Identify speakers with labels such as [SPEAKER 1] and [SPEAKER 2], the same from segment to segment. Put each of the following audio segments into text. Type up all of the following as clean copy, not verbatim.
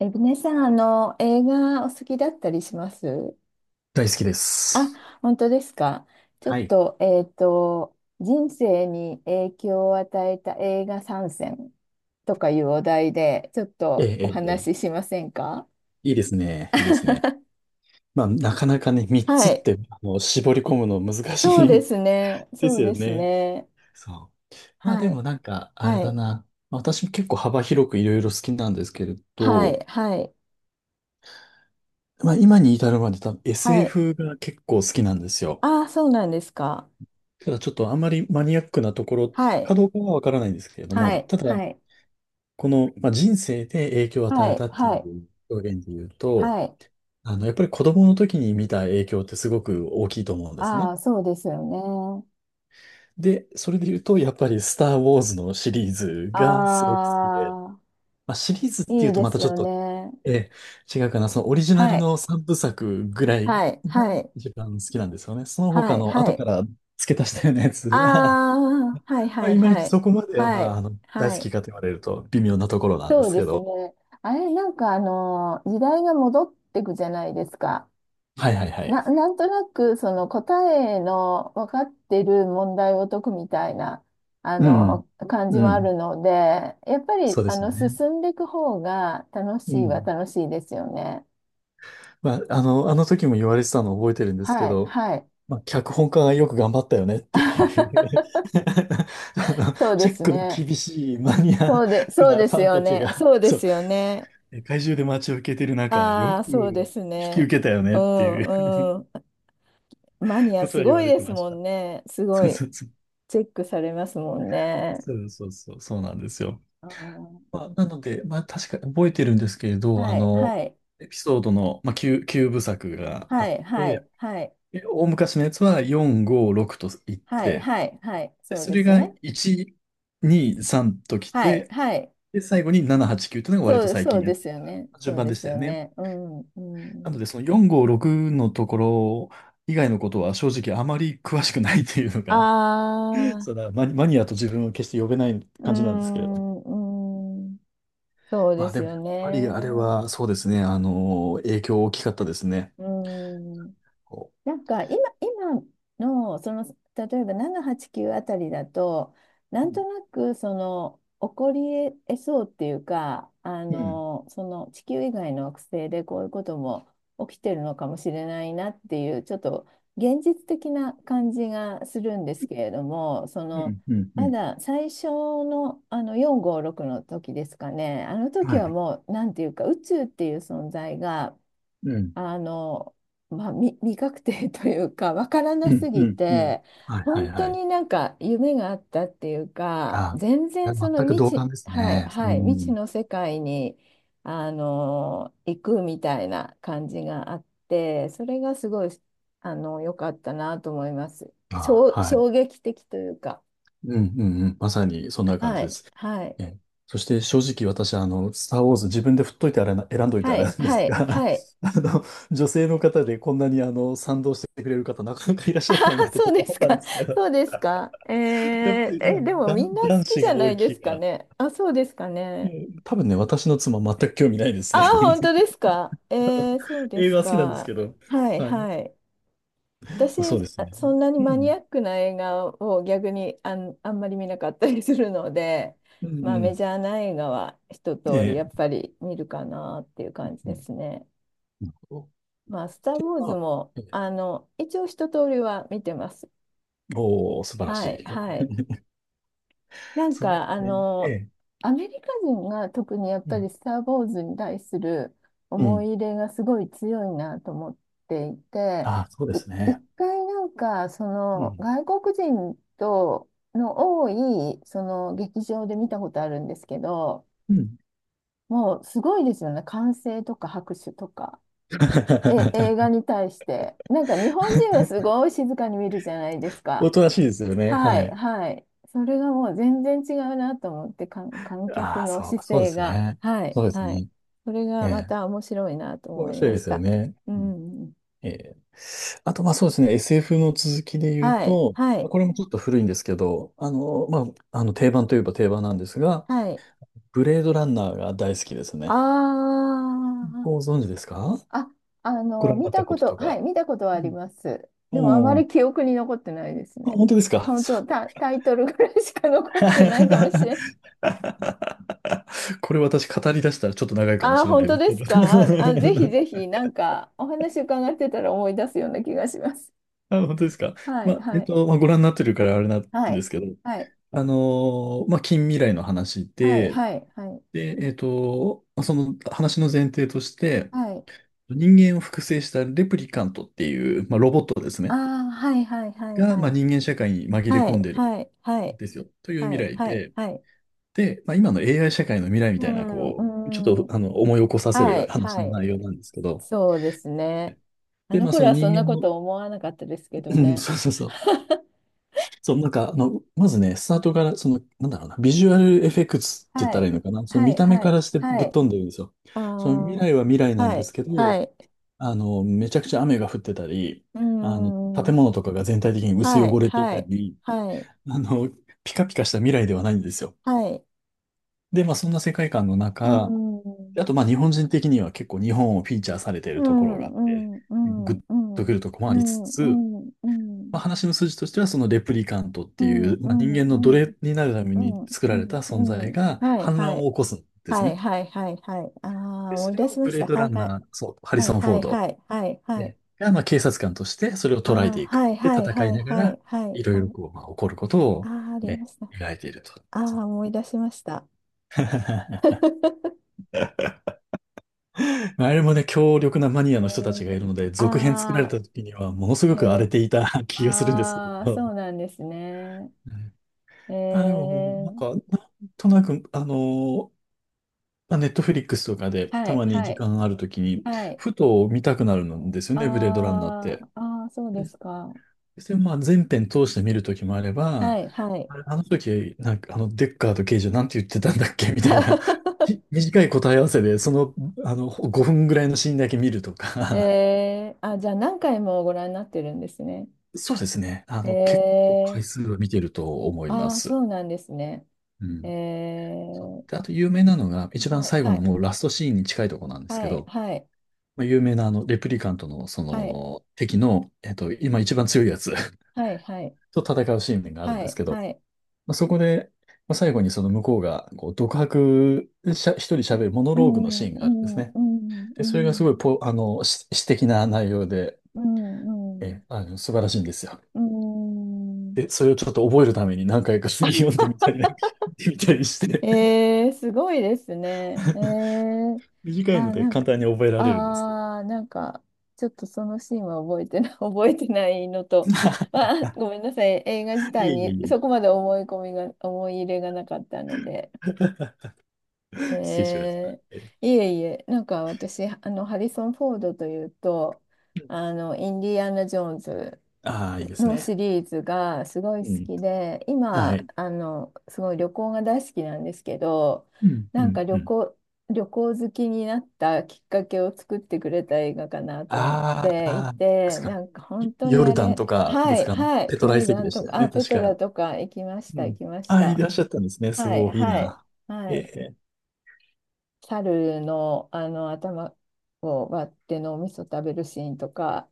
[SPEAKER 1] ねさん、映画お好きだったりします。
[SPEAKER 2] 大好きです。
[SPEAKER 1] あ、本当ですか。ちょ
[SPEAKER 2] は
[SPEAKER 1] っ
[SPEAKER 2] い。
[SPEAKER 1] と、人生に影響を与えた映画参戦とかいうお題で、ちょっ
[SPEAKER 2] ええ、
[SPEAKER 1] とお
[SPEAKER 2] ええ、え
[SPEAKER 1] 話
[SPEAKER 2] え、
[SPEAKER 1] ししませんか。
[SPEAKER 2] いいですね。いいですね。まあ、なかなかね、3つ
[SPEAKER 1] は
[SPEAKER 2] っ
[SPEAKER 1] い。
[SPEAKER 2] て、絞り込むの難
[SPEAKER 1] そう
[SPEAKER 2] し
[SPEAKER 1] で
[SPEAKER 2] い
[SPEAKER 1] すね。
[SPEAKER 2] で
[SPEAKER 1] そ
[SPEAKER 2] す
[SPEAKER 1] う
[SPEAKER 2] よ
[SPEAKER 1] です
[SPEAKER 2] ね。
[SPEAKER 1] ね。
[SPEAKER 2] そう。まあ、
[SPEAKER 1] は
[SPEAKER 2] で
[SPEAKER 1] い。
[SPEAKER 2] もなんか、あれ
[SPEAKER 1] は
[SPEAKER 2] だ
[SPEAKER 1] い。
[SPEAKER 2] な。まあ私も結構幅広くいろいろ好きなんですけれ
[SPEAKER 1] は
[SPEAKER 2] ど、
[SPEAKER 1] い。はい。
[SPEAKER 2] まあ、今に至るまで多分
[SPEAKER 1] はい。
[SPEAKER 2] SF が結構好きなんですよ。
[SPEAKER 1] ああ、そうなんですか。
[SPEAKER 2] ただちょっとあんまりマニアックなところ
[SPEAKER 1] は
[SPEAKER 2] か
[SPEAKER 1] い。
[SPEAKER 2] どうかはわからないんですけれど
[SPEAKER 1] は
[SPEAKER 2] も、
[SPEAKER 1] い。
[SPEAKER 2] ただ、
[SPEAKER 1] はい。
[SPEAKER 2] まあ、人生で影響を与
[SPEAKER 1] は
[SPEAKER 2] え
[SPEAKER 1] い。
[SPEAKER 2] たって
[SPEAKER 1] は
[SPEAKER 2] い
[SPEAKER 1] い。
[SPEAKER 2] う表現で言うと、
[SPEAKER 1] はい。
[SPEAKER 2] やっぱり子供の時に見た影響ってすごく大きいと思うんです
[SPEAKER 1] あ
[SPEAKER 2] ね。
[SPEAKER 1] あ、そうですよね。
[SPEAKER 2] で、それで言うと、やっぱりスター・ウォーズのシリーズ
[SPEAKER 1] あ
[SPEAKER 2] がすごく好きで、
[SPEAKER 1] あ、
[SPEAKER 2] まあ、シリーズってい
[SPEAKER 1] い
[SPEAKER 2] う
[SPEAKER 1] い
[SPEAKER 2] と
[SPEAKER 1] で
[SPEAKER 2] また
[SPEAKER 1] す
[SPEAKER 2] ちょっ
[SPEAKER 1] よ
[SPEAKER 2] と、
[SPEAKER 1] ね。
[SPEAKER 2] え違うかな、そのオリジナ
[SPEAKER 1] は
[SPEAKER 2] ル
[SPEAKER 1] い、
[SPEAKER 2] の3部作ぐらい
[SPEAKER 1] はい、
[SPEAKER 2] が
[SPEAKER 1] はい、
[SPEAKER 2] 一番好きなんですよね。その
[SPEAKER 1] は
[SPEAKER 2] 他
[SPEAKER 1] い、
[SPEAKER 2] の
[SPEAKER 1] は
[SPEAKER 2] 後
[SPEAKER 1] い。
[SPEAKER 2] から付け足したようなやつは、
[SPEAKER 1] ああ、はい、
[SPEAKER 2] まあ、
[SPEAKER 1] はい、
[SPEAKER 2] いまい
[SPEAKER 1] は
[SPEAKER 2] ち
[SPEAKER 1] い、
[SPEAKER 2] そこまでは、
[SPEAKER 1] はい、
[SPEAKER 2] 大
[SPEAKER 1] は
[SPEAKER 2] 好き
[SPEAKER 1] い。
[SPEAKER 2] かと言われると微妙なところなんで
[SPEAKER 1] そう
[SPEAKER 2] す
[SPEAKER 1] で
[SPEAKER 2] け
[SPEAKER 1] すね。
[SPEAKER 2] ど。
[SPEAKER 1] あれ、なんか時代が戻っていくじゃないですか。
[SPEAKER 2] はいはいはい。
[SPEAKER 1] なんとなく、その答えの分かってる問題を解くみたいな、
[SPEAKER 2] うん。
[SPEAKER 1] 感じ
[SPEAKER 2] う
[SPEAKER 1] もあ
[SPEAKER 2] ん。
[SPEAKER 1] るので、やっぱり、
[SPEAKER 2] そうですよね。
[SPEAKER 1] 進んでいく方が楽
[SPEAKER 2] う
[SPEAKER 1] しいは
[SPEAKER 2] ん。
[SPEAKER 1] 楽しいですよね。
[SPEAKER 2] あの時も言われてたのを覚えてるんですけ
[SPEAKER 1] はい、
[SPEAKER 2] ど、
[SPEAKER 1] はい。
[SPEAKER 2] まあ、脚本家がよく頑張ったよねっていう
[SPEAKER 1] そうで
[SPEAKER 2] チェッ
[SPEAKER 1] す
[SPEAKER 2] クの
[SPEAKER 1] ね。
[SPEAKER 2] 厳しいマニアッ
[SPEAKER 1] そうで、
[SPEAKER 2] ク
[SPEAKER 1] そう
[SPEAKER 2] なフ
[SPEAKER 1] です
[SPEAKER 2] ァン
[SPEAKER 1] よ
[SPEAKER 2] たち
[SPEAKER 1] ね。
[SPEAKER 2] が、
[SPEAKER 1] そうで
[SPEAKER 2] そう、
[SPEAKER 1] すよね。
[SPEAKER 2] 世界中で待ち受けてる中、よ
[SPEAKER 1] あ
[SPEAKER 2] く
[SPEAKER 1] あ、そうで
[SPEAKER 2] 引
[SPEAKER 1] す
[SPEAKER 2] き受
[SPEAKER 1] ね。
[SPEAKER 2] けたよね
[SPEAKER 1] う
[SPEAKER 2] っていう
[SPEAKER 1] んう ん。マニア
[SPEAKER 2] こと
[SPEAKER 1] す
[SPEAKER 2] は言
[SPEAKER 1] ご
[SPEAKER 2] わ
[SPEAKER 1] い
[SPEAKER 2] れ
[SPEAKER 1] で
[SPEAKER 2] て
[SPEAKER 1] す
[SPEAKER 2] まし
[SPEAKER 1] も
[SPEAKER 2] た。
[SPEAKER 1] んね。すご
[SPEAKER 2] そう
[SPEAKER 1] い。
[SPEAKER 2] そうそう、
[SPEAKER 1] チェックされますもんね。
[SPEAKER 2] そうなんですよ。
[SPEAKER 1] あー、
[SPEAKER 2] なので、まあ、確か覚えてるんですけれど、
[SPEAKER 1] はい、はい、
[SPEAKER 2] エピソードの、まあ、9部作があ
[SPEAKER 1] は
[SPEAKER 2] っ
[SPEAKER 1] い、は
[SPEAKER 2] て、
[SPEAKER 1] い、はい、
[SPEAKER 2] 大昔のやつは4、5、6といっ
[SPEAKER 1] はい、
[SPEAKER 2] て、
[SPEAKER 1] はい、はい、
[SPEAKER 2] で、
[SPEAKER 1] そう
[SPEAKER 2] そ
[SPEAKER 1] で
[SPEAKER 2] れ
[SPEAKER 1] す
[SPEAKER 2] が
[SPEAKER 1] ね。
[SPEAKER 2] 1、2、3とき
[SPEAKER 1] はい、
[SPEAKER 2] て、
[SPEAKER 1] はい、
[SPEAKER 2] で、最後に7、8、9というのが割と
[SPEAKER 1] そう
[SPEAKER 2] 最
[SPEAKER 1] そ
[SPEAKER 2] 近
[SPEAKER 1] う
[SPEAKER 2] やっ
[SPEAKER 1] で
[SPEAKER 2] て
[SPEAKER 1] す
[SPEAKER 2] い
[SPEAKER 1] よ
[SPEAKER 2] た
[SPEAKER 1] ね。そ
[SPEAKER 2] 順
[SPEAKER 1] う
[SPEAKER 2] 番
[SPEAKER 1] で
[SPEAKER 2] でし
[SPEAKER 1] す
[SPEAKER 2] たよ
[SPEAKER 1] よ
[SPEAKER 2] ね。
[SPEAKER 1] ね。うんう
[SPEAKER 2] な
[SPEAKER 1] ん。
[SPEAKER 2] ので、その4、5、6のところ以外のことは正直あまり詳しくないというの
[SPEAKER 1] あ
[SPEAKER 2] が、
[SPEAKER 1] あ、
[SPEAKER 2] そのマニアと自分を決して呼べない
[SPEAKER 1] うー
[SPEAKER 2] 感じなんですけれども。
[SPEAKER 1] んうーん。そう
[SPEAKER 2] ま
[SPEAKER 1] で
[SPEAKER 2] あ
[SPEAKER 1] す
[SPEAKER 2] でも、や
[SPEAKER 1] よ
[SPEAKER 2] っぱ
[SPEAKER 1] ね。
[SPEAKER 2] りあれはそうですね、影響大きかったですね。
[SPEAKER 1] うーん。
[SPEAKER 2] こ
[SPEAKER 1] なんか今の、その、例えば789あたりだと、なん
[SPEAKER 2] う
[SPEAKER 1] となく、その、起こり得そうっていうか、
[SPEAKER 2] うん、
[SPEAKER 1] その地球以外の惑星でこういうことも起きてるのかもしれないなっていう、ちょっと現実的な感じがするんですけれども、そ
[SPEAKER 2] う
[SPEAKER 1] の、
[SPEAKER 2] ん、うん、う
[SPEAKER 1] ま
[SPEAKER 2] ん。
[SPEAKER 1] だ最初の、あの456の時ですかね。あの時
[SPEAKER 2] は
[SPEAKER 1] は
[SPEAKER 2] い。
[SPEAKER 1] もう、なんていうか、宇宙っていう存在が、
[SPEAKER 2] うん、
[SPEAKER 1] あの、まあ、未確定というか、わから
[SPEAKER 2] う
[SPEAKER 1] なす
[SPEAKER 2] ん、う
[SPEAKER 1] ぎ
[SPEAKER 2] ん、うん。
[SPEAKER 1] て、
[SPEAKER 2] はい、はい、
[SPEAKER 1] 本当
[SPEAKER 2] はい。
[SPEAKER 1] になんか夢があったっていうか、
[SPEAKER 2] あ、
[SPEAKER 1] 全然その
[SPEAKER 2] 全く同
[SPEAKER 1] 未知、
[SPEAKER 2] 感です
[SPEAKER 1] はい、
[SPEAKER 2] ね。う
[SPEAKER 1] はい、未知
[SPEAKER 2] ん。
[SPEAKER 1] の世界に、行くみたいな感じがあって、それがすごい、良かったなと思います。
[SPEAKER 2] あ、
[SPEAKER 1] 衝、
[SPEAKER 2] はい。
[SPEAKER 1] 衝撃的というか、
[SPEAKER 2] うんうんうん。まさにそんな感
[SPEAKER 1] は
[SPEAKER 2] じで
[SPEAKER 1] い、
[SPEAKER 2] す。
[SPEAKER 1] はい、
[SPEAKER 2] え、そして正直私、スター・ウォーズ自分で振っといてあれな、選んどいてあ
[SPEAKER 1] は
[SPEAKER 2] れな
[SPEAKER 1] い、
[SPEAKER 2] んで
[SPEAKER 1] は
[SPEAKER 2] す
[SPEAKER 1] い、
[SPEAKER 2] が、
[SPEAKER 1] はい。
[SPEAKER 2] あの、女性の方でこんなに賛同してくれる方なかなかいらっ し
[SPEAKER 1] あ、
[SPEAKER 2] ゃらないなってち
[SPEAKER 1] そ
[SPEAKER 2] ょ
[SPEAKER 1] う
[SPEAKER 2] っと
[SPEAKER 1] で
[SPEAKER 2] 思
[SPEAKER 1] す
[SPEAKER 2] ったん
[SPEAKER 1] か。
[SPEAKER 2] ですけど、
[SPEAKER 1] そうですか。
[SPEAKER 2] やっぱり、まあ、
[SPEAKER 1] でもみんな好
[SPEAKER 2] 男
[SPEAKER 1] き
[SPEAKER 2] 子
[SPEAKER 1] じゃ
[SPEAKER 2] が
[SPEAKER 1] な
[SPEAKER 2] 多
[SPEAKER 1] い
[SPEAKER 2] い
[SPEAKER 1] で
[SPEAKER 2] 気
[SPEAKER 1] すか
[SPEAKER 2] が。
[SPEAKER 1] ね。あ、そうですか
[SPEAKER 2] う
[SPEAKER 1] ね。
[SPEAKER 2] ん、多分ね、私の妻全く興味ないです
[SPEAKER 1] あ、
[SPEAKER 2] ね。
[SPEAKER 1] 本当で すか。そうで
[SPEAKER 2] 映
[SPEAKER 1] す
[SPEAKER 2] 画は好きなんです
[SPEAKER 1] か。
[SPEAKER 2] けど。
[SPEAKER 1] はい、
[SPEAKER 2] はい。ま
[SPEAKER 1] はい。私、
[SPEAKER 2] あ、そうです
[SPEAKER 1] あ
[SPEAKER 2] ね。
[SPEAKER 1] そんなに
[SPEAKER 2] う
[SPEAKER 1] マニ
[SPEAKER 2] ん。
[SPEAKER 1] アックな映画を逆にあんまり見なかったりするので、
[SPEAKER 2] う
[SPEAKER 1] ま
[SPEAKER 2] ん
[SPEAKER 1] あ
[SPEAKER 2] う
[SPEAKER 1] メ
[SPEAKER 2] ん。
[SPEAKER 1] ジャーな映画は一
[SPEAKER 2] え
[SPEAKER 1] 通りや
[SPEAKER 2] え。
[SPEAKER 1] っぱり見るかなっていう
[SPEAKER 2] う
[SPEAKER 1] 感じで
[SPEAKER 2] ん、
[SPEAKER 1] すね。
[SPEAKER 2] なるほど。
[SPEAKER 1] まあ、スター・
[SPEAKER 2] で、
[SPEAKER 1] ウォー
[SPEAKER 2] ま
[SPEAKER 1] ズ
[SPEAKER 2] あ、
[SPEAKER 1] も、
[SPEAKER 2] ええ、
[SPEAKER 1] 一応一通りは見てます。
[SPEAKER 2] おー、素晴らし
[SPEAKER 1] はい、
[SPEAKER 2] い。
[SPEAKER 1] はい。なん
[SPEAKER 2] そうで
[SPEAKER 1] か、
[SPEAKER 2] すね。ええ。
[SPEAKER 1] アメリカ人が特にやっ
[SPEAKER 2] う
[SPEAKER 1] ぱ
[SPEAKER 2] ん。
[SPEAKER 1] りスター・ウォーズに対する
[SPEAKER 2] う
[SPEAKER 1] 思
[SPEAKER 2] ん。
[SPEAKER 1] い入れがすごい強いなと思っていて、
[SPEAKER 2] ああ、そうで
[SPEAKER 1] い
[SPEAKER 2] すね。
[SPEAKER 1] 一回なんか、そ
[SPEAKER 2] う
[SPEAKER 1] の
[SPEAKER 2] ん。
[SPEAKER 1] 外国人との多いその劇場で見たことあるんですけど、
[SPEAKER 2] うん。
[SPEAKER 1] もうすごいですよね。歓声とか拍手とか。え、映 画に対して。なんか日本人はすごい静かに見るじゃないです
[SPEAKER 2] お
[SPEAKER 1] か。
[SPEAKER 2] となしいですよね。
[SPEAKER 1] は
[SPEAKER 2] は
[SPEAKER 1] い、
[SPEAKER 2] い。
[SPEAKER 1] はい。それがもう全然違うなと思って、観客
[SPEAKER 2] ああ、
[SPEAKER 1] の姿
[SPEAKER 2] そうで
[SPEAKER 1] 勢
[SPEAKER 2] す
[SPEAKER 1] が。
[SPEAKER 2] ね。
[SPEAKER 1] はい、
[SPEAKER 2] そうです
[SPEAKER 1] はい。
[SPEAKER 2] ね。
[SPEAKER 1] それ
[SPEAKER 2] え
[SPEAKER 1] がま
[SPEAKER 2] え。
[SPEAKER 1] た面白いなと思
[SPEAKER 2] 面
[SPEAKER 1] い
[SPEAKER 2] 白い
[SPEAKER 1] ま
[SPEAKER 2] で
[SPEAKER 1] し
[SPEAKER 2] すよ
[SPEAKER 1] た。
[SPEAKER 2] ね。
[SPEAKER 1] う
[SPEAKER 2] うん、
[SPEAKER 1] ん。
[SPEAKER 2] ええ。あと、まあそうですね。SF の続きで言う
[SPEAKER 1] はい、
[SPEAKER 2] と、
[SPEAKER 1] は
[SPEAKER 2] まあ
[SPEAKER 1] い、
[SPEAKER 2] これもちょっと古いんですけど、定番といえば定番なんですが、
[SPEAKER 1] はい。
[SPEAKER 2] ブレードランナーが大好きです
[SPEAKER 1] あ
[SPEAKER 2] ね。
[SPEAKER 1] あ、
[SPEAKER 2] ご存知ですか、
[SPEAKER 1] あ、
[SPEAKER 2] ご覧にな
[SPEAKER 1] 見
[SPEAKER 2] った
[SPEAKER 1] た
[SPEAKER 2] こ
[SPEAKER 1] こ
[SPEAKER 2] と
[SPEAKER 1] と、
[SPEAKER 2] と
[SPEAKER 1] はい、
[SPEAKER 2] か。
[SPEAKER 1] 見たことは
[SPEAKER 2] う
[SPEAKER 1] あり
[SPEAKER 2] ん、
[SPEAKER 1] ます。でもあまり
[SPEAKER 2] も
[SPEAKER 1] 記憶に残ってないです
[SPEAKER 2] う、あ、
[SPEAKER 1] ね。
[SPEAKER 2] 本当ですか。
[SPEAKER 1] 本
[SPEAKER 2] そ
[SPEAKER 1] 当、
[SPEAKER 2] う
[SPEAKER 1] タイトルぐらいしか残ってないかもし れない。
[SPEAKER 2] これ私語り出したらちょっと長い かも
[SPEAKER 1] ああ、
[SPEAKER 2] しれな
[SPEAKER 1] 本
[SPEAKER 2] い
[SPEAKER 1] 当
[SPEAKER 2] です
[SPEAKER 1] で
[SPEAKER 2] け
[SPEAKER 1] す
[SPEAKER 2] ど
[SPEAKER 1] か。あ、ぜひぜひ、なんか、お話伺ってたら思い出すような気がします。
[SPEAKER 2] あ、本当ですか。
[SPEAKER 1] は
[SPEAKER 2] ま
[SPEAKER 1] い、
[SPEAKER 2] あ、
[SPEAKER 1] はい、
[SPEAKER 2] まあ、ご覧になってるからあれなん
[SPEAKER 1] は
[SPEAKER 2] で
[SPEAKER 1] い、
[SPEAKER 2] すけど、
[SPEAKER 1] はい、
[SPEAKER 2] まあ、近未来の話
[SPEAKER 1] はい、
[SPEAKER 2] で、
[SPEAKER 1] はい、はい、
[SPEAKER 2] で、まあその話の前提として、
[SPEAKER 1] はい、
[SPEAKER 2] 人間を複製したレプリカントっていう、まあ、ロボットです
[SPEAKER 1] あ
[SPEAKER 2] ね、
[SPEAKER 1] あ、はい、はい、はい、
[SPEAKER 2] が、ま
[SPEAKER 1] は
[SPEAKER 2] あ、
[SPEAKER 1] い、
[SPEAKER 2] 人間社会に紛れ
[SPEAKER 1] は
[SPEAKER 2] 込ん
[SPEAKER 1] い、
[SPEAKER 2] でる
[SPEAKER 1] はい、は
[SPEAKER 2] ん
[SPEAKER 1] い、
[SPEAKER 2] ですよ、という
[SPEAKER 1] は
[SPEAKER 2] 未
[SPEAKER 1] い、
[SPEAKER 2] 来
[SPEAKER 1] はい、
[SPEAKER 2] で、
[SPEAKER 1] はい、
[SPEAKER 2] で、まあ、今の AI 社会の未来みた
[SPEAKER 1] う
[SPEAKER 2] いな、こう、ちょっ
[SPEAKER 1] ん、う
[SPEAKER 2] と、
[SPEAKER 1] ん、
[SPEAKER 2] 思い起こさせ
[SPEAKER 1] は
[SPEAKER 2] る
[SPEAKER 1] い、
[SPEAKER 2] 話
[SPEAKER 1] は
[SPEAKER 2] の
[SPEAKER 1] い、
[SPEAKER 2] 内容なんですけど、
[SPEAKER 1] そうですね。あ
[SPEAKER 2] で、
[SPEAKER 1] の
[SPEAKER 2] まあ、そ
[SPEAKER 1] 頃
[SPEAKER 2] の
[SPEAKER 1] はそ
[SPEAKER 2] 人
[SPEAKER 1] んな
[SPEAKER 2] 間
[SPEAKER 1] こ
[SPEAKER 2] の、
[SPEAKER 1] と思わなかったですけど
[SPEAKER 2] うん、
[SPEAKER 1] ね。
[SPEAKER 2] そうそうそう。そう、なんか、まずね、スタートから、その、なんだろうな、ビジュアルエフェクツって言っ
[SPEAKER 1] は
[SPEAKER 2] たらい
[SPEAKER 1] い、
[SPEAKER 2] いのかな。その
[SPEAKER 1] は
[SPEAKER 2] 見
[SPEAKER 1] い、
[SPEAKER 2] た目
[SPEAKER 1] は
[SPEAKER 2] か
[SPEAKER 1] い、
[SPEAKER 2] らして
[SPEAKER 1] は
[SPEAKER 2] ぶっ
[SPEAKER 1] い、
[SPEAKER 2] 飛んでるんですよ。
[SPEAKER 1] あ
[SPEAKER 2] その未
[SPEAKER 1] あ、
[SPEAKER 2] 来は未来なん
[SPEAKER 1] は
[SPEAKER 2] です
[SPEAKER 1] い、
[SPEAKER 2] け
[SPEAKER 1] は
[SPEAKER 2] ど、
[SPEAKER 1] い、
[SPEAKER 2] めちゃくちゃ雨が降ってたり、
[SPEAKER 1] うん、
[SPEAKER 2] 建物とかが全体的に薄
[SPEAKER 1] はい、
[SPEAKER 2] 汚れてい
[SPEAKER 1] は
[SPEAKER 2] た
[SPEAKER 1] い、
[SPEAKER 2] り、
[SPEAKER 1] はい、
[SPEAKER 2] あの、ピカピカした未来ではないんですよ。
[SPEAKER 1] はい、
[SPEAKER 2] で、まあ、そんな世界観の
[SPEAKER 1] う
[SPEAKER 2] 中、あ
[SPEAKER 1] ん。
[SPEAKER 2] と、まあ、日本人的には結構日本をフィーチャーされてい
[SPEAKER 1] う
[SPEAKER 2] るところ
[SPEAKER 1] ん、
[SPEAKER 2] があっ
[SPEAKER 1] う
[SPEAKER 2] て、
[SPEAKER 1] ん、う
[SPEAKER 2] グ
[SPEAKER 1] ん、
[SPEAKER 2] ッ
[SPEAKER 1] う
[SPEAKER 2] と
[SPEAKER 1] ん、う
[SPEAKER 2] くる
[SPEAKER 1] ん、
[SPEAKER 2] とこも
[SPEAKER 1] う
[SPEAKER 2] ありつ
[SPEAKER 1] ん、う
[SPEAKER 2] つ、
[SPEAKER 1] ん、う
[SPEAKER 2] まあ、
[SPEAKER 1] ん、
[SPEAKER 2] 話の筋としては、そのレプリカントっ
[SPEAKER 1] う
[SPEAKER 2] てい
[SPEAKER 1] ん、
[SPEAKER 2] う、
[SPEAKER 1] う
[SPEAKER 2] まあ、人間の奴
[SPEAKER 1] ん、うん、
[SPEAKER 2] 隷になるため
[SPEAKER 1] う
[SPEAKER 2] に
[SPEAKER 1] ん、
[SPEAKER 2] 作られた存在
[SPEAKER 1] うん、
[SPEAKER 2] が
[SPEAKER 1] はい、
[SPEAKER 2] 反
[SPEAKER 1] は
[SPEAKER 2] 乱を
[SPEAKER 1] い、
[SPEAKER 2] 起こすんです
[SPEAKER 1] はい、
[SPEAKER 2] ね。
[SPEAKER 1] はい、はい、はい、あ
[SPEAKER 2] で、
[SPEAKER 1] あ、思
[SPEAKER 2] そ
[SPEAKER 1] い
[SPEAKER 2] れ
[SPEAKER 1] 出
[SPEAKER 2] を
[SPEAKER 1] しま
[SPEAKER 2] ブ
[SPEAKER 1] し
[SPEAKER 2] レー
[SPEAKER 1] た。
[SPEAKER 2] ド
[SPEAKER 1] は
[SPEAKER 2] ラ
[SPEAKER 1] い、
[SPEAKER 2] ン
[SPEAKER 1] はい、
[SPEAKER 2] ナー、そう、ハリ
[SPEAKER 1] はい、
[SPEAKER 2] ソン・フ
[SPEAKER 1] は
[SPEAKER 2] ォー
[SPEAKER 1] い、は
[SPEAKER 2] ド
[SPEAKER 1] い、はい、はい、
[SPEAKER 2] でが、まあ、警察官としてそれを
[SPEAKER 1] あ
[SPEAKER 2] 捉え
[SPEAKER 1] あ、
[SPEAKER 2] ていく。
[SPEAKER 1] はい、
[SPEAKER 2] で、
[SPEAKER 1] はい、
[SPEAKER 2] 戦
[SPEAKER 1] は
[SPEAKER 2] い
[SPEAKER 1] い、
[SPEAKER 2] なが
[SPEAKER 1] は
[SPEAKER 2] ら、
[SPEAKER 1] い、はい、
[SPEAKER 2] いろい
[SPEAKER 1] は
[SPEAKER 2] ろ
[SPEAKER 1] い、
[SPEAKER 2] こう、まあ、起こること
[SPEAKER 1] あ
[SPEAKER 2] を、
[SPEAKER 1] あ、ありま
[SPEAKER 2] ね、
[SPEAKER 1] した。
[SPEAKER 2] 描いていると。
[SPEAKER 1] あ
[SPEAKER 2] そ
[SPEAKER 1] あ、
[SPEAKER 2] う
[SPEAKER 1] 思い出しました。
[SPEAKER 2] まああれもね、強力なマニア
[SPEAKER 1] え
[SPEAKER 2] の人たちが
[SPEAKER 1] ー、
[SPEAKER 2] いるので、続編作られ
[SPEAKER 1] あ
[SPEAKER 2] た時にはものす
[SPEAKER 1] あ、
[SPEAKER 2] ごく荒れていた 気がするんですけ
[SPEAKER 1] ああ、
[SPEAKER 2] ど。
[SPEAKER 1] そうなんですね。
[SPEAKER 2] うん、
[SPEAKER 1] え
[SPEAKER 2] あ、でも、
[SPEAKER 1] ー、
[SPEAKER 2] なんとなく、まあ、ネットフリックスとかで、
[SPEAKER 1] は
[SPEAKER 2] た
[SPEAKER 1] い、
[SPEAKER 2] まに
[SPEAKER 1] は
[SPEAKER 2] 時
[SPEAKER 1] い、
[SPEAKER 2] 間あるときに、
[SPEAKER 1] はい。
[SPEAKER 2] ふと見たくなるんですよね、ブレードランナーっ
[SPEAKER 1] あ
[SPEAKER 2] て。
[SPEAKER 1] ーあー、そうですか。
[SPEAKER 2] で、まあ、全編通して見るときもあれ
[SPEAKER 1] は
[SPEAKER 2] ば、
[SPEAKER 1] い、はい。
[SPEAKER 2] あれあの時、なんか、デッカーと刑事はなんて言ってたんだっけ みたいな、短い答え合わせで、5分ぐらいのシーンだけ見るとか、
[SPEAKER 1] あ、じゃあ何回もご覧になってるんですね。
[SPEAKER 2] そうですね。
[SPEAKER 1] え
[SPEAKER 2] 結構回
[SPEAKER 1] ー、
[SPEAKER 2] 数は見てると思いま
[SPEAKER 1] ああ、そ
[SPEAKER 2] す。
[SPEAKER 1] うなんですね。
[SPEAKER 2] う
[SPEAKER 1] え
[SPEAKER 2] ん。そう。
[SPEAKER 1] ー、
[SPEAKER 2] で、あと有名なのが、一
[SPEAKER 1] は
[SPEAKER 2] 番
[SPEAKER 1] い、
[SPEAKER 2] 最後
[SPEAKER 1] は
[SPEAKER 2] の
[SPEAKER 1] い、
[SPEAKER 2] もうラストシーンに近いとこなんです
[SPEAKER 1] は
[SPEAKER 2] け
[SPEAKER 1] い、
[SPEAKER 2] ど、
[SPEAKER 1] はい、
[SPEAKER 2] まあ有名なレプリカントのそ
[SPEAKER 1] はい、
[SPEAKER 2] の敵の、今一番強いやつ
[SPEAKER 1] はい、はい、
[SPEAKER 2] と戦うシーンがあるん
[SPEAKER 1] は
[SPEAKER 2] です
[SPEAKER 1] い、
[SPEAKER 2] けど、
[SPEAKER 1] はい、
[SPEAKER 2] まあ、そこで、まあ、最後にその向こうが、こう、独白しゃ、一人喋るモノ
[SPEAKER 1] う
[SPEAKER 2] ローグの
[SPEAKER 1] ん、う
[SPEAKER 2] シーンがあるんです
[SPEAKER 1] ん、
[SPEAKER 2] ね。
[SPEAKER 1] うん、
[SPEAKER 2] で、
[SPEAKER 1] う
[SPEAKER 2] それがす
[SPEAKER 1] ん、
[SPEAKER 2] ごいポ、あの、詩的な内容で、
[SPEAKER 1] うん、
[SPEAKER 2] え、あの、素晴らしいんですよ。
[SPEAKER 1] うん、うん、
[SPEAKER 2] で、それをちょっと覚えるために何回か 読んでみたり、なんかみたりして
[SPEAKER 1] すごいですね。
[SPEAKER 2] 短いの
[SPEAKER 1] あ、
[SPEAKER 2] で
[SPEAKER 1] なん
[SPEAKER 2] 簡
[SPEAKER 1] か、
[SPEAKER 2] 単に覚えられるんですけど。
[SPEAKER 1] なんか、ちょっとそのシーンは覚えてない、覚えてないのと、まあ、ごめんなさい、映画自
[SPEAKER 2] い
[SPEAKER 1] 体
[SPEAKER 2] えいえ
[SPEAKER 1] に
[SPEAKER 2] い
[SPEAKER 1] そこまで思い込みが、思い入れがなかったので、
[SPEAKER 2] え。失礼しました。
[SPEAKER 1] え
[SPEAKER 2] え、
[SPEAKER 1] いえいえ、なんか私、ハリソン・フォードというと、インディアナ・ジョーンズ
[SPEAKER 2] ああ、いいです
[SPEAKER 1] の
[SPEAKER 2] ね。
[SPEAKER 1] シリーズがすごい
[SPEAKER 2] う
[SPEAKER 1] 好
[SPEAKER 2] ん。
[SPEAKER 1] きで、
[SPEAKER 2] は
[SPEAKER 1] 今、
[SPEAKER 2] い。
[SPEAKER 1] すごい旅行が大好きなんですけど、
[SPEAKER 2] うん、う
[SPEAKER 1] なん
[SPEAKER 2] ん、
[SPEAKER 1] か
[SPEAKER 2] う
[SPEAKER 1] 旅
[SPEAKER 2] ん。
[SPEAKER 1] 行、旅行好きになったきっかけを作ってくれた映画かなと思っ
[SPEAKER 2] あー
[SPEAKER 1] てい
[SPEAKER 2] あー、で
[SPEAKER 1] て、
[SPEAKER 2] すか。
[SPEAKER 1] なんか本当に
[SPEAKER 2] ヨ
[SPEAKER 1] あ
[SPEAKER 2] ルダン
[SPEAKER 1] れ、
[SPEAKER 2] とかで
[SPEAKER 1] は
[SPEAKER 2] す
[SPEAKER 1] い、
[SPEAKER 2] かね。あの
[SPEAKER 1] はい、
[SPEAKER 2] ペト
[SPEAKER 1] ヨ
[SPEAKER 2] ラ遺
[SPEAKER 1] ル
[SPEAKER 2] 跡
[SPEAKER 1] ダン
[SPEAKER 2] でし
[SPEAKER 1] と
[SPEAKER 2] たよ
[SPEAKER 1] か、
[SPEAKER 2] ね、
[SPEAKER 1] あ、ペ
[SPEAKER 2] 確
[SPEAKER 1] ト
[SPEAKER 2] か。
[SPEAKER 1] ラとか行きまし
[SPEAKER 2] う
[SPEAKER 1] た、行
[SPEAKER 2] ん。
[SPEAKER 1] きまし
[SPEAKER 2] あ、い
[SPEAKER 1] た。
[SPEAKER 2] らっしゃったんですね。す
[SPEAKER 1] はい、
[SPEAKER 2] ごい、いい
[SPEAKER 1] はい、
[SPEAKER 2] な。
[SPEAKER 1] は
[SPEAKER 2] え
[SPEAKER 1] い。
[SPEAKER 2] え。
[SPEAKER 1] 猿の、あの頭を割って脳みそ食べるシーンとか、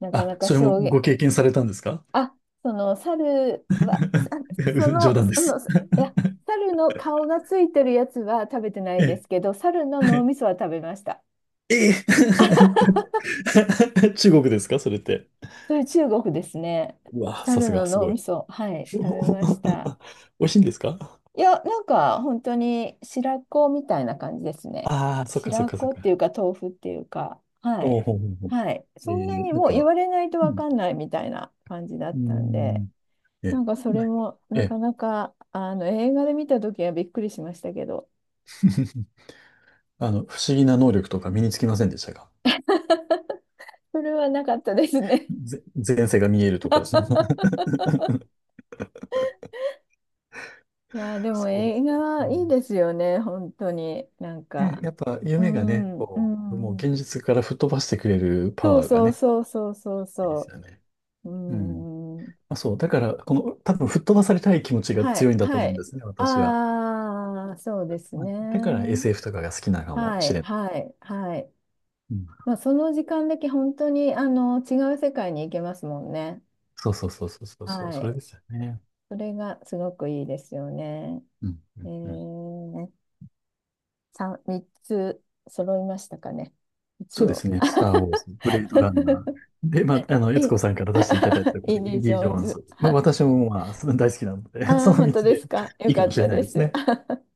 [SPEAKER 1] なか
[SPEAKER 2] あ、
[SPEAKER 1] なか
[SPEAKER 2] それも
[SPEAKER 1] 衝
[SPEAKER 2] ご
[SPEAKER 1] 撃、
[SPEAKER 2] 経験されたんですか。
[SPEAKER 1] あ、その猿は、さそ
[SPEAKER 2] 冗
[SPEAKER 1] の、
[SPEAKER 2] 談で
[SPEAKER 1] そ
[SPEAKER 2] す。
[SPEAKER 1] の、いや、猿の顔がついてるやつは食べてない
[SPEAKER 2] え
[SPEAKER 1] で
[SPEAKER 2] え。
[SPEAKER 1] すけど、猿の脳みそは食べました。
[SPEAKER 2] ええ。 中国ですかそれって。
[SPEAKER 1] それ中国ですね。
[SPEAKER 2] うわ、さ
[SPEAKER 1] 猿
[SPEAKER 2] す
[SPEAKER 1] の
[SPEAKER 2] が、す
[SPEAKER 1] 脳
[SPEAKER 2] ご
[SPEAKER 1] み
[SPEAKER 2] い。
[SPEAKER 1] そ、はい、食べました。
[SPEAKER 2] 美味しいんですか。
[SPEAKER 1] いや、なんか本当に白子みたいな感じですね。
[SPEAKER 2] ああー、そっかそっ
[SPEAKER 1] 白
[SPEAKER 2] かそっ
[SPEAKER 1] 子ってい
[SPEAKER 2] か。
[SPEAKER 1] うか豆腐っていうか、は
[SPEAKER 2] お
[SPEAKER 1] い。
[SPEAKER 2] うほうほうほう。
[SPEAKER 1] はい。
[SPEAKER 2] え
[SPEAKER 1] そんなに
[SPEAKER 2] ーなん
[SPEAKER 1] もう言
[SPEAKER 2] か、
[SPEAKER 1] われないと
[SPEAKER 2] う
[SPEAKER 1] わか
[SPEAKER 2] ん。
[SPEAKER 1] んないみたいな感じだ
[SPEAKER 2] う
[SPEAKER 1] っ
[SPEAKER 2] ー
[SPEAKER 1] たんで。
[SPEAKER 2] ん、
[SPEAKER 1] な
[SPEAKER 2] え、
[SPEAKER 1] んかそ
[SPEAKER 2] な
[SPEAKER 1] れ
[SPEAKER 2] んか、
[SPEAKER 1] も
[SPEAKER 2] え
[SPEAKER 1] なか
[SPEAKER 2] え。
[SPEAKER 1] なかあの映画で見た時はびっくりしましたけど、
[SPEAKER 2] あの、不思議な能力とか身につきませんでしたか。
[SPEAKER 1] それはなかったですね。
[SPEAKER 2] 前世が見えるとか。その
[SPEAKER 1] いやー、でも
[SPEAKER 2] そうで
[SPEAKER 1] 映
[SPEAKER 2] すか。
[SPEAKER 1] 画
[SPEAKER 2] う
[SPEAKER 1] はいい
[SPEAKER 2] ん、
[SPEAKER 1] ですよね、本当に。なん
[SPEAKER 2] ね
[SPEAKER 1] か、
[SPEAKER 2] やっぱ
[SPEAKER 1] う
[SPEAKER 2] 夢がね、
[SPEAKER 1] ん、う
[SPEAKER 2] こう、もう
[SPEAKER 1] ん。
[SPEAKER 2] 現実から吹っ飛ばしてくれるパ
[SPEAKER 1] そう
[SPEAKER 2] ワーが
[SPEAKER 1] そう
[SPEAKER 2] ね、
[SPEAKER 1] そうそうそう
[SPEAKER 2] いいです
[SPEAKER 1] そ
[SPEAKER 2] よね。
[SPEAKER 1] う。う
[SPEAKER 2] うん。
[SPEAKER 1] ん。
[SPEAKER 2] まあ、そう。だから、この、多分吹っ飛ばされたい気持ちが
[SPEAKER 1] は
[SPEAKER 2] 強
[SPEAKER 1] い、
[SPEAKER 2] いんだと
[SPEAKER 1] は
[SPEAKER 2] 思うん
[SPEAKER 1] い。
[SPEAKER 2] ですね、私は。
[SPEAKER 1] ああ、そうです
[SPEAKER 2] まあ、だから
[SPEAKER 1] ね。
[SPEAKER 2] SF とかが好きなのかも
[SPEAKER 1] は
[SPEAKER 2] し
[SPEAKER 1] い、
[SPEAKER 2] れない。
[SPEAKER 1] はい、はい。
[SPEAKER 2] うん。
[SPEAKER 1] まあ、その時間だけ本当にあの違う世界に行けますもんね。
[SPEAKER 2] そうそうそうそうそうそう、
[SPEAKER 1] は
[SPEAKER 2] それ
[SPEAKER 1] い。
[SPEAKER 2] ですよね。
[SPEAKER 1] それがすごくいいですよね。
[SPEAKER 2] うん。う
[SPEAKER 1] え
[SPEAKER 2] んうん、
[SPEAKER 1] ー、3、三つ揃いましたかね。
[SPEAKER 2] そ
[SPEAKER 1] 一
[SPEAKER 2] うで
[SPEAKER 1] 応。
[SPEAKER 2] すね。スター・ウォーズ、ブレードランナー。で、まあ、悦
[SPEAKER 1] え、
[SPEAKER 2] 子さん から出していただいたというこ
[SPEAKER 1] イ
[SPEAKER 2] と
[SPEAKER 1] ン
[SPEAKER 2] で、
[SPEAKER 1] デ
[SPEAKER 2] イン
[SPEAKER 1] ィ・ジ
[SPEAKER 2] ディ・
[SPEAKER 1] ョ
[SPEAKER 2] ジ
[SPEAKER 1] ー
[SPEAKER 2] ョ
[SPEAKER 1] ン
[SPEAKER 2] ーン
[SPEAKER 1] ズ。
[SPEAKER 2] ズ。まあ、私も、まあ、その大好きなので、
[SPEAKER 1] あ
[SPEAKER 2] そ
[SPEAKER 1] あ
[SPEAKER 2] の
[SPEAKER 1] 本
[SPEAKER 2] 道
[SPEAKER 1] 当で
[SPEAKER 2] で
[SPEAKER 1] すか。よ
[SPEAKER 2] いいか
[SPEAKER 1] か
[SPEAKER 2] も
[SPEAKER 1] っ
[SPEAKER 2] しれ
[SPEAKER 1] た
[SPEAKER 2] ない
[SPEAKER 1] で
[SPEAKER 2] です
[SPEAKER 1] す。
[SPEAKER 2] ね。